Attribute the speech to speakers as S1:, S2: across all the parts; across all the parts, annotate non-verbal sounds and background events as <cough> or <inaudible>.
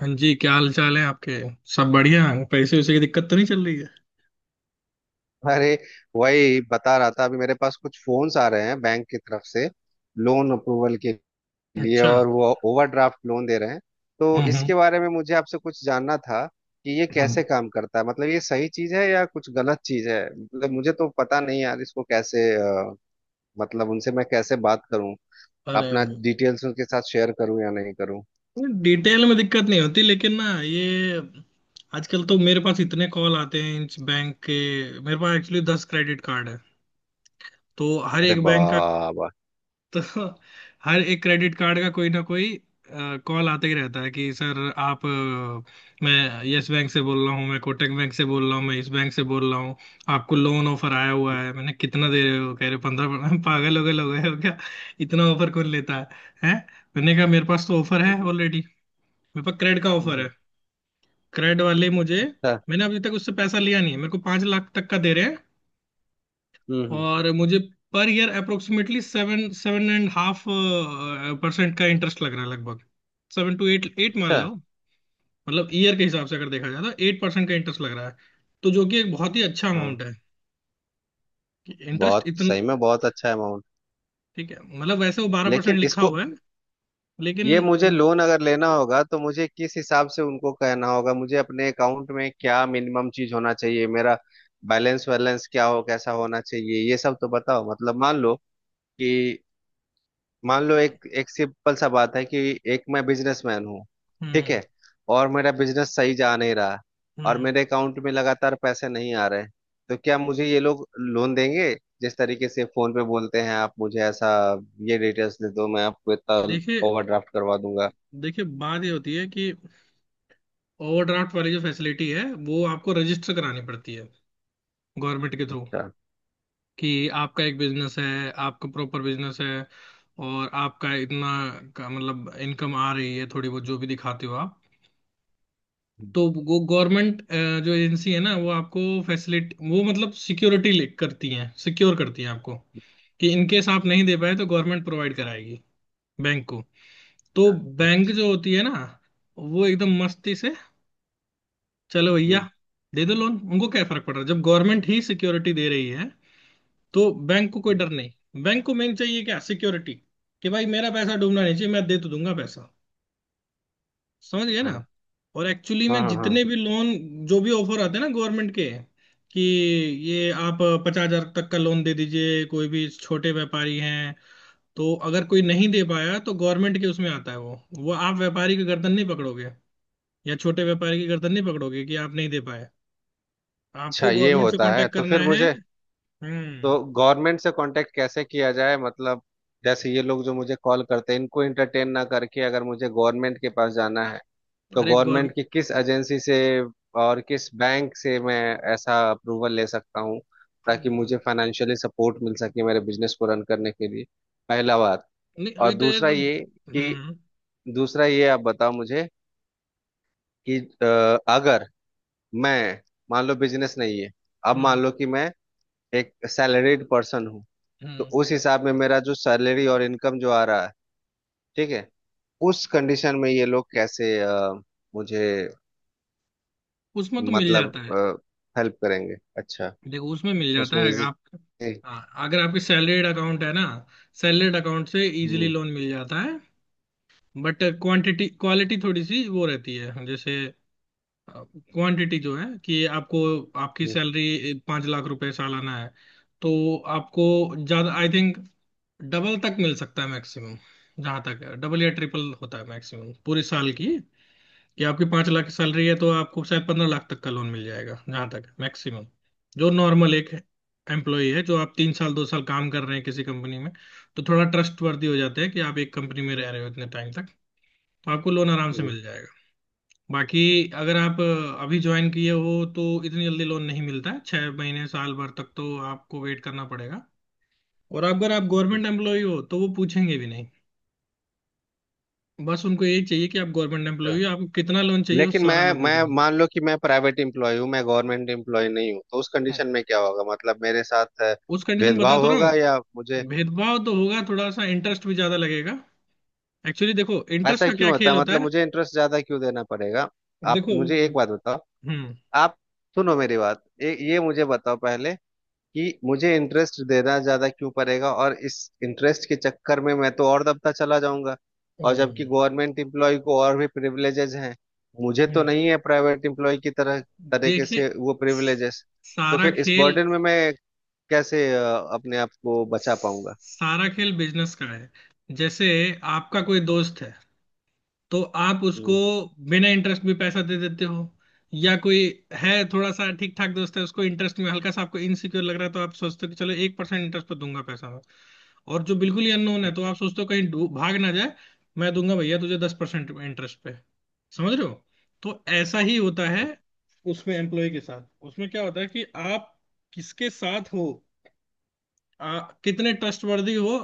S1: हाँ जी क्या हाल चाल है आपके। सब बढ़िया। पैसे वैसे की दिक्कत तो नहीं चल रही है।
S2: अरे वही बता रहा था। अभी मेरे पास कुछ फोन्स आ रहे हैं बैंक की तरफ से लोन अप्रूवल के लिए
S1: अच्छा।
S2: और वो ओवरड्राफ्ट लोन दे रहे हैं। तो
S1: हम्म हम्म
S2: इसके बारे में मुझे आपसे कुछ जानना था कि ये
S1: हम्म।
S2: कैसे काम करता है। मतलब ये सही चीज है या कुछ गलत चीज है। मतलब मुझे तो पता नहीं यार इसको कैसे मतलब उनसे मैं कैसे बात करूं?
S1: अरे।
S2: अपना डिटेल्स उनके साथ शेयर करूं या नहीं करूं?
S1: डिटेल में दिक्कत नहीं होती लेकिन ना ये आजकल तो मेरे पास इतने कॉल आते हैं इस बैंक के। मेरे पास एक्चुअली 10 क्रेडिट कार्ड है। तो हर
S2: अरे
S1: एक बैंक का।
S2: बाबा।
S1: <laughs> तो हर एक क्रेडिट कार्ड का कोई ना कोई कॉल आते ही रहता है कि सर आप मैं यस बैंक से बोल रहा हूँ मैं कोटक बैंक से बोल रहा हूँ मैं इस बैंक से बोल रहा हूँ। आपको लोन ऑफर आया हुआ है मैंने कितना दे रहे हो कह रहे 15 <laughs> पागल हो गए लोग हो क्या। इतना ऑफर कौन लेता है। हैं। मैंने कहा मेरे पास तो ऑफर है
S2: हम्म,
S1: ऑलरेडी। मेरे पास क्रेड का ऑफर
S2: हम्म।
S1: है। क्रेड वाले मुझे।
S2: अच्छा।
S1: मैंने अभी तक उससे पैसा लिया नहीं है मेरे को 5 लाख तक का दे रहे हैं।
S2: हम्म।
S1: और मुझे per year approximately seven seven and half percent का इंटरेस्ट लग रहा है लगभग। सेवन टू एट एट मान
S2: अच्छा।
S1: लो। मतलब ईयर के हिसाब से अगर देखा जाए तो 8% का इंटरेस्ट लग रहा है। तो जो कि एक बहुत ही अच्छा
S2: हाँ।
S1: अमाउंट है कि इंटरेस्ट
S2: बहुत
S1: इतना।
S2: सही में बहुत अच्छा अमाउंट।
S1: ठीक है मतलब वैसे वो 12%
S2: लेकिन
S1: लिखा
S2: इसको
S1: हुआ है लेकिन।
S2: ये मुझे लोन अगर लेना होगा तो मुझे किस हिसाब से उनको कहना होगा? मुझे अपने अकाउंट में क्या मिनिमम चीज होना चाहिए? मेरा बैलेंस वैलेंस क्या हो, कैसा होना चाहिए? ये सब तो बताओ। मतलब मान लो कि मान लो एक एक सिंपल सा बात है कि एक मैं बिजनेसमैन हूँ। ठीक है।
S1: हम्म
S2: और मेरा बिजनेस सही जा नहीं रहा। और
S1: हम्म।
S2: मेरे अकाउंट में लगातार पैसे नहीं आ रहे। तो क्या मुझे ये लोग लोन देंगे? जिस तरीके से फोन पे बोलते हैं आप मुझे ऐसा, ये डिटेल्स दे दो, मैं आपको इतना
S1: देखिए।
S2: ओवरड्राफ्ट करवा दूंगा।
S1: देखिए बात ये होती है कि ओवरड्राफ्ट वाली जो फैसिलिटी है वो आपको रजिस्टर करानी पड़ती है गवर्नमेंट के थ्रू
S2: अच्छा
S1: कि आपका एक बिजनेस है आपका प्रॉपर बिजनेस है और आपका इतना का मतलब इनकम आ रही है थोड़ी बहुत जो भी दिखाते हो आप।
S2: अच्छा
S1: तो वो गवर्नमेंट जो एजेंसी है ना वो आपको फैसिलिटी वो मतलब सिक्योरिटी करती है सिक्योर करती है आपको कि इन केस आप नहीं दे पाए तो गवर्नमेंट प्रोवाइड कराएगी बैंक को। तो बैंक
S2: अच्छा।
S1: जो होती है ना वो एकदम मस्ती से चलो भैया
S2: हम्म
S1: दे दो लोन उनको क्या फर्क पड़ रहा है जब गवर्नमेंट ही सिक्योरिटी दे रही है। तो बैंक को कोई डर
S2: हम्म,
S1: नहीं बैंक को मेन चाहिए क्या सिक्योरिटी कि भाई मेरा पैसा डूबना नहीं चाहिए मैं दे तो दूंगा पैसा। समझ गए
S2: हाँ
S1: ना। और एक्चुअली
S2: हाँ
S1: में
S2: हाँ
S1: जितने
S2: हाँ।
S1: भी लोन जो भी ऑफर आते हैं ना गवर्नमेंट के कि ये आप 50,000 तक का लोन दे दीजिए कोई भी छोटे व्यापारी हैं। तो अगर कोई नहीं दे पाया तो गवर्नमेंट के उसमें आता है वो आप व्यापारी की गर्दन नहीं पकड़ोगे या छोटे व्यापारी की गर्दन नहीं पकड़ोगे कि आप नहीं दे पाए। आपको
S2: अच्छा। ये
S1: गवर्नमेंट से
S2: होता है
S1: कांटेक्ट
S2: तो
S1: करना
S2: फिर
S1: है।
S2: मुझे।
S1: हम्म।
S2: तो गवर्नमेंट से कांटेक्ट कैसे किया जाए? मतलब जैसे ये लोग जो मुझे कॉल करते हैं इनको एंटरटेन ना करके अगर मुझे गवर्नमेंट के पास जाना है तो
S1: अरे
S2: गवर्नमेंट की किस
S1: गवर्नमेंट।
S2: एजेंसी से और किस बैंक से मैं ऐसा अप्रूवल ले सकता हूँ ताकि मुझे फाइनेंशियली सपोर्ट मिल सके मेरे बिजनेस को रन करने के लिए? पहला बात।
S1: नहीं
S2: और
S1: अभी तो ये
S2: दूसरा
S1: तो।
S2: ये कि दूसरा ये आप बताओ मुझे कि अगर मैं, मान लो बिजनेस नहीं है। अब मान
S1: हम्म
S2: लो कि मैं एक सैलरीड पर्सन हूँ। तो
S1: हम्म।
S2: उस हिसाब में मेरा जो सैलरी और इनकम जो आ रहा है, ठीक है, उस कंडीशन में ये लोग कैसे मुझे
S1: उसमें तो मिल
S2: मतलब
S1: जाता है।
S2: हेल्प करेंगे? अच्छा।
S1: देखो उसमें मिल जाता
S2: उसमें
S1: है
S2: इजी।
S1: आप। हाँ। अगर आपकी सैलरीड अकाउंट है ना सैलरीड अकाउंट से इजीली
S2: हम्म
S1: लोन मिल जाता है। बट क्वांटिटी क्वालिटी थोड़ी सी वो रहती है जैसे क्वांटिटी जो है कि आपको आपकी
S2: हम्म,
S1: सैलरी 5 लाख रुपए सालाना है। तो आपको ज्यादा आई थिंक डबल तक मिल सकता है मैक्सिमम। जहां तक है डबल या ट्रिपल होता है मैक्सिमम पूरे साल की कि आपकी 5 लाख की सैलरी है तो आपको शायद 15 लाख तक का लोन मिल जाएगा जहां तक मैक्सिमम। जो नॉर्मल एक एम्प्लॉय है जो आप 3 साल 2 साल काम कर रहे हैं किसी कंपनी में तो थोड़ा ट्रस्ट वर्दी हो जाते हैं कि आप एक कंपनी में रह रहे हो इतने टाइम तक तो आपको लोन आराम से
S2: हम्म।
S1: मिल जाएगा। बाकी अगर आप अभी ज्वाइन किए हो तो इतनी जल्दी लोन नहीं मिलता है 6 महीने साल भर तक तो आपको वेट करना पड़ेगा। और अगर आप गवर्नमेंट एम्प्लॉय हो तो वो पूछेंगे भी नहीं बस उनको यही चाहिए कि आप गवर्नमेंट
S2: अच्छा।
S1: एम्प्लॉय हो आपको कितना लोन चाहिए वो
S2: लेकिन
S1: सारा
S2: मैं
S1: लोन दे
S2: मैं
S1: देंगे।
S2: मान लो कि मैं प्राइवेट एम्प्लॉय हूँ, मैं गवर्नमेंट एम्प्लॉय नहीं हूँ, तो उस
S1: हाँ।
S2: कंडीशन में क्या होगा? मतलब मेरे साथ
S1: उस कंडीशन बता
S2: भेदभाव
S1: तो रहा
S2: होगा
S1: हूँ।
S2: या मुझे?
S1: भेदभाव तो होगा थोड़ा सा इंटरेस्ट भी ज्यादा लगेगा। एक्चुअली देखो इंटरेस्ट
S2: ऐसा
S1: का
S2: क्यों
S1: क्या
S2: होता
S1: खेल
S2: है?
S1: होता
S2: मतलब
S1: है।
S2: मुझे इंटरेस्ट ज्यादा क्यों देना पड़ेगा? आप
S1: देखो।
S2: मुझे एक बात बताओ।
S1: हम्म
S2: आप सुनो मेरी बात। ये मुझे बताओ पहले कि मुझे इंटरेस्ट देना ज्यादा क्यों पड़ेगा? और इस इंटरेस्ट के चक्कर में मैं तो और दबता चला जाऊंगा। और जबकि
S1: हम्म,
S2: गवर्नमेंट एम्प्लॉय को और भी प्रिविलेजेस हैं, मुझे तो
S1: हम्म।
S2: नहीं है प्राइवेट एम्प्लॉय की तरह तरीके
S1: देखिए।
S2: से वो प्रिविलेजेस। तो
S1: सारा
S2: फिर इस
S1: खेल
S2: बर्डन में मैं कैसे अपने आप को बचा पाऊंगा?
S1: सारा खेल बिजनेस का है। जैसे आपका कोई दोस्त है तो आप उसको
S2: हम्म,
S1: बिना इंटरेस्ट भी पैसा दे देते हो। या कोई है थोड़ा सा ठीक ठाक दोस्त है उसको इंटरेस्ट में हल्का सा आपको इनसिक्योर लग रहा है तो आप सोचते हो कि चलो 1% इंटरेस्ट पर दूंगा पैसा मैं। और जो बिल्कुल ही अननोन है
S2: ठीक
S1: तो
S2: है
S1: आप सोचते हो कहीं भाग ना जाए। मैं दूंगा भैया तुझे 10% इंटरेस्ट पे। समझ रहे हो। तो ऐसा ही होता है उसमें एम्प्लॉय के साथ उसमें क्या होता है कि आप किसके साथ हो आ, कितने ट्रस्टवर्दी हो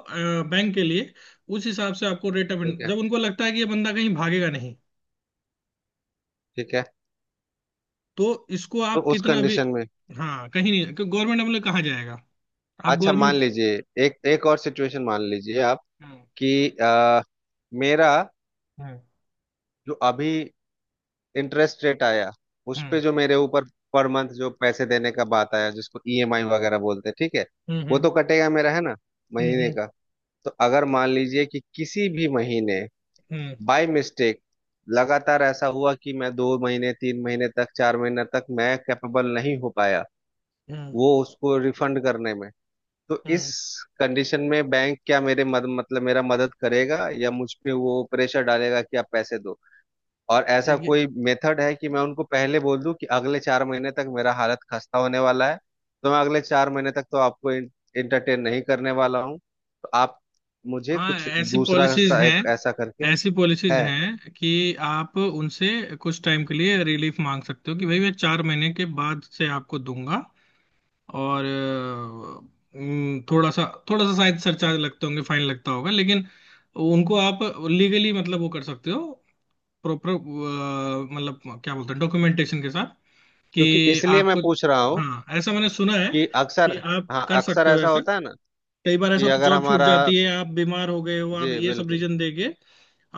S1: बैंक के लिए उस हिसाब से आपको रेट ऑफ
S2: ठीक है
S1: जब उनको लगता है कि ये बंदा कहीं भागेगा नहीं
S2: ठीक है।
S1: तो इसको
S2: तो
S1: आप
S2: उस
S1: कितना भी।
S2: कंडीशन में।
S1: हाँ कहीं नहीं गवर्नमेंट अप्लाई कहाँ जाएगा आप
S2: अच्छा, मान
S1: गवर्नमेंट।
S2: लीजिए। एक एक और सिचुएशन मान लीजिए आप
S1: हम्म
S2: कि मेरा जो अभी इंटरेस्ट रेट आया, उस
S1: हम्म
S2: पे जो मेरे ऊपर पर मंथ जो पैसे देने का बात आया जिसको ईएमआई वगैरह बोलते हैं, ठीक है,
S1: हम्म
S2: वो
S1: हम्म
S2: तो कटेगा मेरा है ना महीने
S1: हम्म
S2: का। तो अगर मान लीजिए कि किसी भी महीने
S1: हम्म
S2: बाय मिस्टेक लगातार ऐसा हुआ कि मैं दो महीने तीन महीने तक चार महीने तक मैं कैपेबल नहीं हो पाया
S1: हम्म,
S2: वो उसको रिफंड करने में, तो इस
S1: हम्म।
S2: कंडीशन में बैंक क्या मतलब मेरा मदद करेगा या मुझ पे वो प्रेशर डालेगा कि आप पैसे दो? और ऐसा
S1: देखिए।
S2: कोई मेथड है कि मैं उनको पहले बोल दूं कि अगले चार महीने तक मेरा हालत खस्ता होने वाला है, तो मैं अगले चार महीने तक तो आपको इंटरटेन नहीं करने वाला हूँ, तो आप मुझे
S1: हाँ
S2: कुछ दूसरा सा एक ऐसा करके
S1: ऐसी पॉलिसीज
S2: है?
S1: हैं कि आप उनसे कुछ टाइम के लिए रिलीफ मांग सकते हो कि भाई मैं 4 महीने के बाद से आपको दूंगा। और थोड़ा सा शायद सरचार्ज लगते होंगे फाइन लगता होगा लेकिन उनको आप लीगली मतलब वो कर सकते हो। प्रॉपर मतलब क्या बोलते हैं डॉक्यूमेंटेशन के साथ कि
S2: क्योंकि इसलिए मैं
S1: आपको।
S2: पूछ रहा हूँ
S1: हाँ ऐसा मैंने सुना है
S2: कि अक्सर।
S1: कि आप
S2: हाँ
S1: कर
S2: अक्सर
S1: सकते हो
S2: ऐसा
S1: ऐसे।
S2: होता है ना
S1: कई बार
S2: कि
S1: ऐसा तो
S2: अगर
S1: जॉब छूट
S2: हमारा।
S1: जाती है आप बीमार हो गए हो
S2: जी
S1: आप ये सब
S2: बिल्कुल
S1: रीजन देके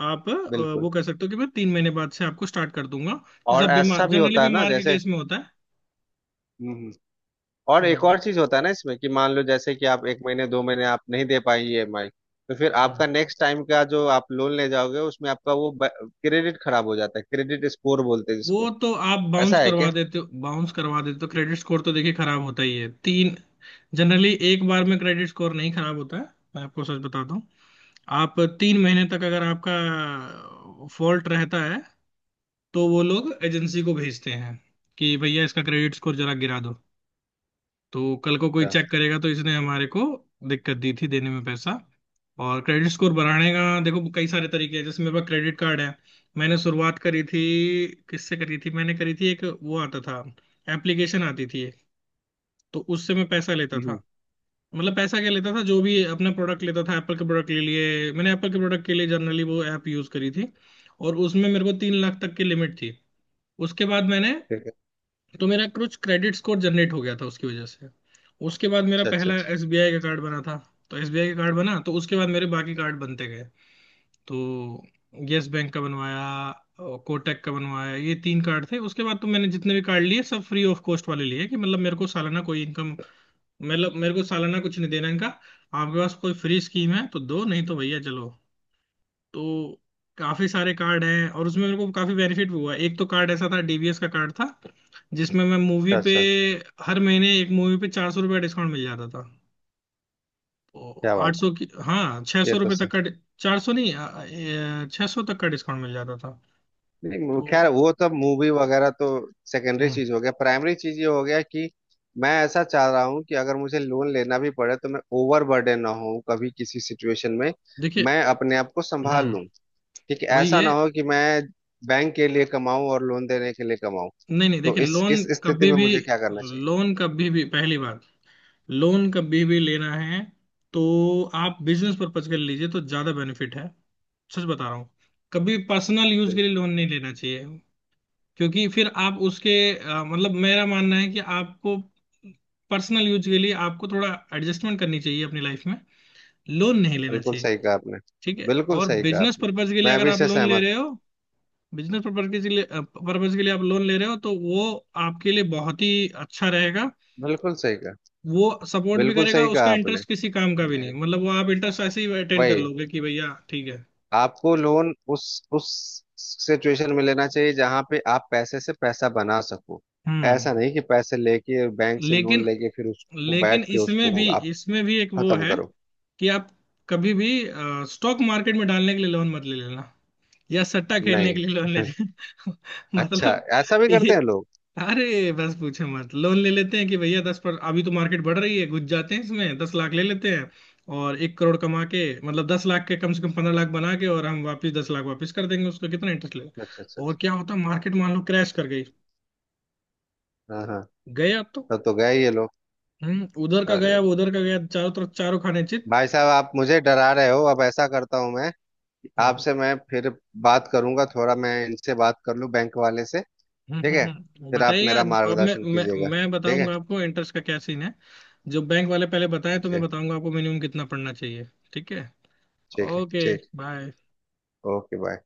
S1: आप वो
S2: बिल्कुल।
S1: कह सकते हो कि मैं 3 महीने बाद से आपको स्टार्ट कर दूंगा।
S2: और
S1: जब बीमार
S2: ऐसा भी
S1: जनरली
S2: होता है ना
S1: बीमार के
S2: जैसे।
S1: केस में होता है।
S2: हम्म हम्म। और एक और चीज होता है ना इसमें, कि मान लो जैसे कि आप एक महीने दो महीने आप नहीं दे पाई ईएमआई, तो फिर
S1: हम्म।
S2: आपका नेक्स्ट टाइम का जो आप लोन ले जाओगे उसमें आपका वो क्रेडिट खराब हो जाता है, क्रेडिट स्कोर बोलते हैं
S1: वो
S2: जिसको।
S1: तो आप बाउंस
S2: ऐसा है
S1: करवा
S2: क्या?
S1: देते हो बाउंस करवा देते हो तो क्रेडिट स्कोर तो देखिए खराब होता ही है तीन। जनरली एक बार में क्रेडिट स्कोर नहीं खराब होता है। मैं आपको सच बताता हूँ। आप 3 महीने तक अगर आपका फॉल्ट रहता है तो वो लोग एजेंसी को भेजते हैं कि भैया इसका क्रेडिट स्कोर जरा गिरा दो। तो कल को कोई चेक
S2: अच्छा।
S1: करेगा तो इसने हमारे को दिक्कत दी थी देने में पैसा। और क्रेडिट स्कोर बढ़ाने का देखो कई सारे तरीके हैं जैसे मेरे पास क्रेडिट कार्ड है। मैंने शुरुआत करी थी किससे करी थी मैंने करी थी एक वो आता था एप्लीकेशन आती थी एक। तो उससे मैं पैसा लेता
S2: हम्म।
S1: था। मतलब पैसा क्या लेता था जो भी अपना प्रोडक्ट लेता था एप्पल के प्रोडक्ट के लिए मैंने एप्पल के प्रोडक्ट के लिए जनरली वो ऐप यूज करी थी। और उसमें मेरे को 3 लाख तक की लिमिट थी। उसके बाद मैंने
S2: ठीक है।
S1: तो मेरा कुछ क्रेडिट स्कोर जनरेट हो गया था उसकी वजह से। उसके बाद मेरा
S2: अच्छा अच्छा
S1: पहला
S2: अच्छा।
S1: एसबीआई का कार्ड बना था। तो एसबीआई का कार्ड बना तो उसके बाद मेरे बाकी कार्ड बनते गए। तो यस बैंक का बनवाया कोटक का बनवाया ये 3 कार्ड थे उसके बाद तो मैंने जितने भी कार्ड लिए सब फ्री ऑफ कॉस्ट वाले लिए कि मतलब मेरे को सालाना कोई इनकम मतलब मेरे को सालाना कुछ नहीं देना इनका आपके पास कोई फ्री स्कीम है तो दो नहीं तो भैया चलो। तो काफी सारे कार्ड हैं और उसमें मेरे को काफी बेनिफिट भी हुआ एक तो कार्ड ऐसा था डीबीएस का कार्ड था जिसमें मैं मूवी
S2: अच्छा
S1: पे
S2: अच्छा,
S1: हर महीने एक मूवी पे ₹400 डिस्काउंट मिल जाता था। तो
S2: क्या
S1: आठ
S2: बात
S1: सौ की हाँ छह
S2: है। ये
S1: सौ
S2: तो
S1: रुपये
S2: सर।
S1: तक का 400 नहीं 600 तक का डिस्काउंट मिल जाता था।
S2: नहीं
S1: तो।
S2: खैर वो तो मूवी वगैरह तो सेकेंडरी
S1: हम्म।
S2: चीज हो गया, प्राइमरी चीज ये हो गया कि मैं ऐसा चाह रहा हूँ कि अगर मुझे लोन लेना भी पड़े तो मैं ओवर बर्डन ना हूँ कभी किसी सिचुएशन में।
S1: देखिए।
S2: मैं अपने आप को संभाल
S1: हम्म।
S2: लूँ। ठीक है,
S1: वही
S2: ऐसा ना
S1: है।
S2: हो कि मैं बैंक के लिए कमाऊं और लोन देने के लिए कमाऊं।
S1: नहीं नहीं
S2: तो
S1: देखिए
S2: इस इस स्थिति में मुझे क्या करना चाहिए?
S1: लोन कभी भी पहली बात लोन कभी भी लेना है तो आप बिजनेस पर्पज के लिए लीजिए तो ज्यादा बेनिफिट है। सच बता रहा हूँ। कभी पर्सनल यूज
S2: बिल,
S1: के लिए लोन नहीं लेना चाहिए। क्योंकि फिर आप उसके मतलब मेरा मानना है कि आपको पर्सनल यूज के लिए आपको थोड़ा एडजस्टमेंट करनी चाहिए अपनी लाइफ में लोन नहीं लेना
S2: बिल्कुल
S1: चाहिए।
S2: सही कहा आपने।
S1: ठीक है
S2: बिल्कुल
S1: और
S2: सही कहा
S1: बिजनेस
S2: आपने।
S1: पर्पज के लिए
S2: मैं
S1: अगर
S2: अभी
S1: आप
S2: से
S1: लोन ले
S2: सहमत।
S1: रहे हो बिजनेस पर्पज के लिए आप लोन ले रहे हो तो वो आपके लिए बहुत ही अच्छा रहेगा।
S2: बिल्कुल सही कहा।
S1: वो सपोर्ट भी
S2: बिल्कुल
S1: करेगा
S2: सही कहा
S1: उसका
S2: आपने।
S1: इंटरेस्ट किसी काम का भी
S2: जी।
S1: नहीं मतलब वो आप इंटरेस्ट ऐसे ही अटेंड कर
S2: वही।
S1: लोगे कि भैया ठीक है।
S2: आपको लोन उस सिचुएशन में लेना चाहिए जहां पे आप पैसे से पैसा बना सको।
S1: हम्म।
S2: ऐसा नहीं कि पैसे लेके बैंक से लोन
S1: लेकिन
S2: लेके फिर उसको
S1: लेकिन
S2: बैठ के उसको आप
S1: इसमें भी एक वो
S2: खत्म
S1: है
S2: करो।
S1: कि आप कभी भी स्टॉक मार्केट में डालने के लिए लोन मत ले लेना या सट्टा खेलने
S2: नहीं।
S1: के लिए लोन ले लेना <laughs>
S2: <laughs> अच्छा।
S1: मतलब।
S2: ऐसा भी
S1: ये।
S2: करते हैं लोग?
S1: अरे बस पूछे मत लोन ले लेते हैं कि भैया दस पर अभी तो मार्केट बढ़ रही है घुस जाते हैं इसमें 10 लाख ले लेते हैं। और 1 करोड़ कमा के मतलब 10 लाख के कम से कम 15 लाख बना के और हम वापस 10 लाख वापस कर देंगे उसका कितना इंटरेस्ट लेगा।
S2: अच्छा अच्छा
S1: और
S2: अच्छा।
S1: क्या होता मार्केट मान लो क्रैश कर गई
S2: हाँ हाँ।
S1: गया तो
S2: तब तो गए ये लोग।
S1: उधर का गया
S2: अरे
S1: वो उधर का गया चारों तरफ चारों खाने चित।
S2: भाई साहब आप मुझे डरा रहे हो। अब ऐसा करता हूँ मैं,
S1: हम्म।
S2: आपसे मैं फिर बात करूंगा, थोड़ा मैं इनसे बात कर लूँ बैंक वाले से। ठीक है। फिर आप
S1: बताइएगा।
S2: मेरा
S1: अब मैं
S2: मार्गदर्शन
S1: मैं
S2: कीजिएगा।
S1: मैं
S2: ठीक है।
S1: बताऊंगा आपको इंटरेस्ट का क्या सीन है। जो बैंक वाले पहले बताएं तो
S2: जी।
S1: मैं बताऊंगा आपको मिनिमम कितना पड़ना चाहिए। ठीक है।
S2: ठीक है
S1: ओके
S2: ठीक।
S1: बाय।
S2: Okay bye.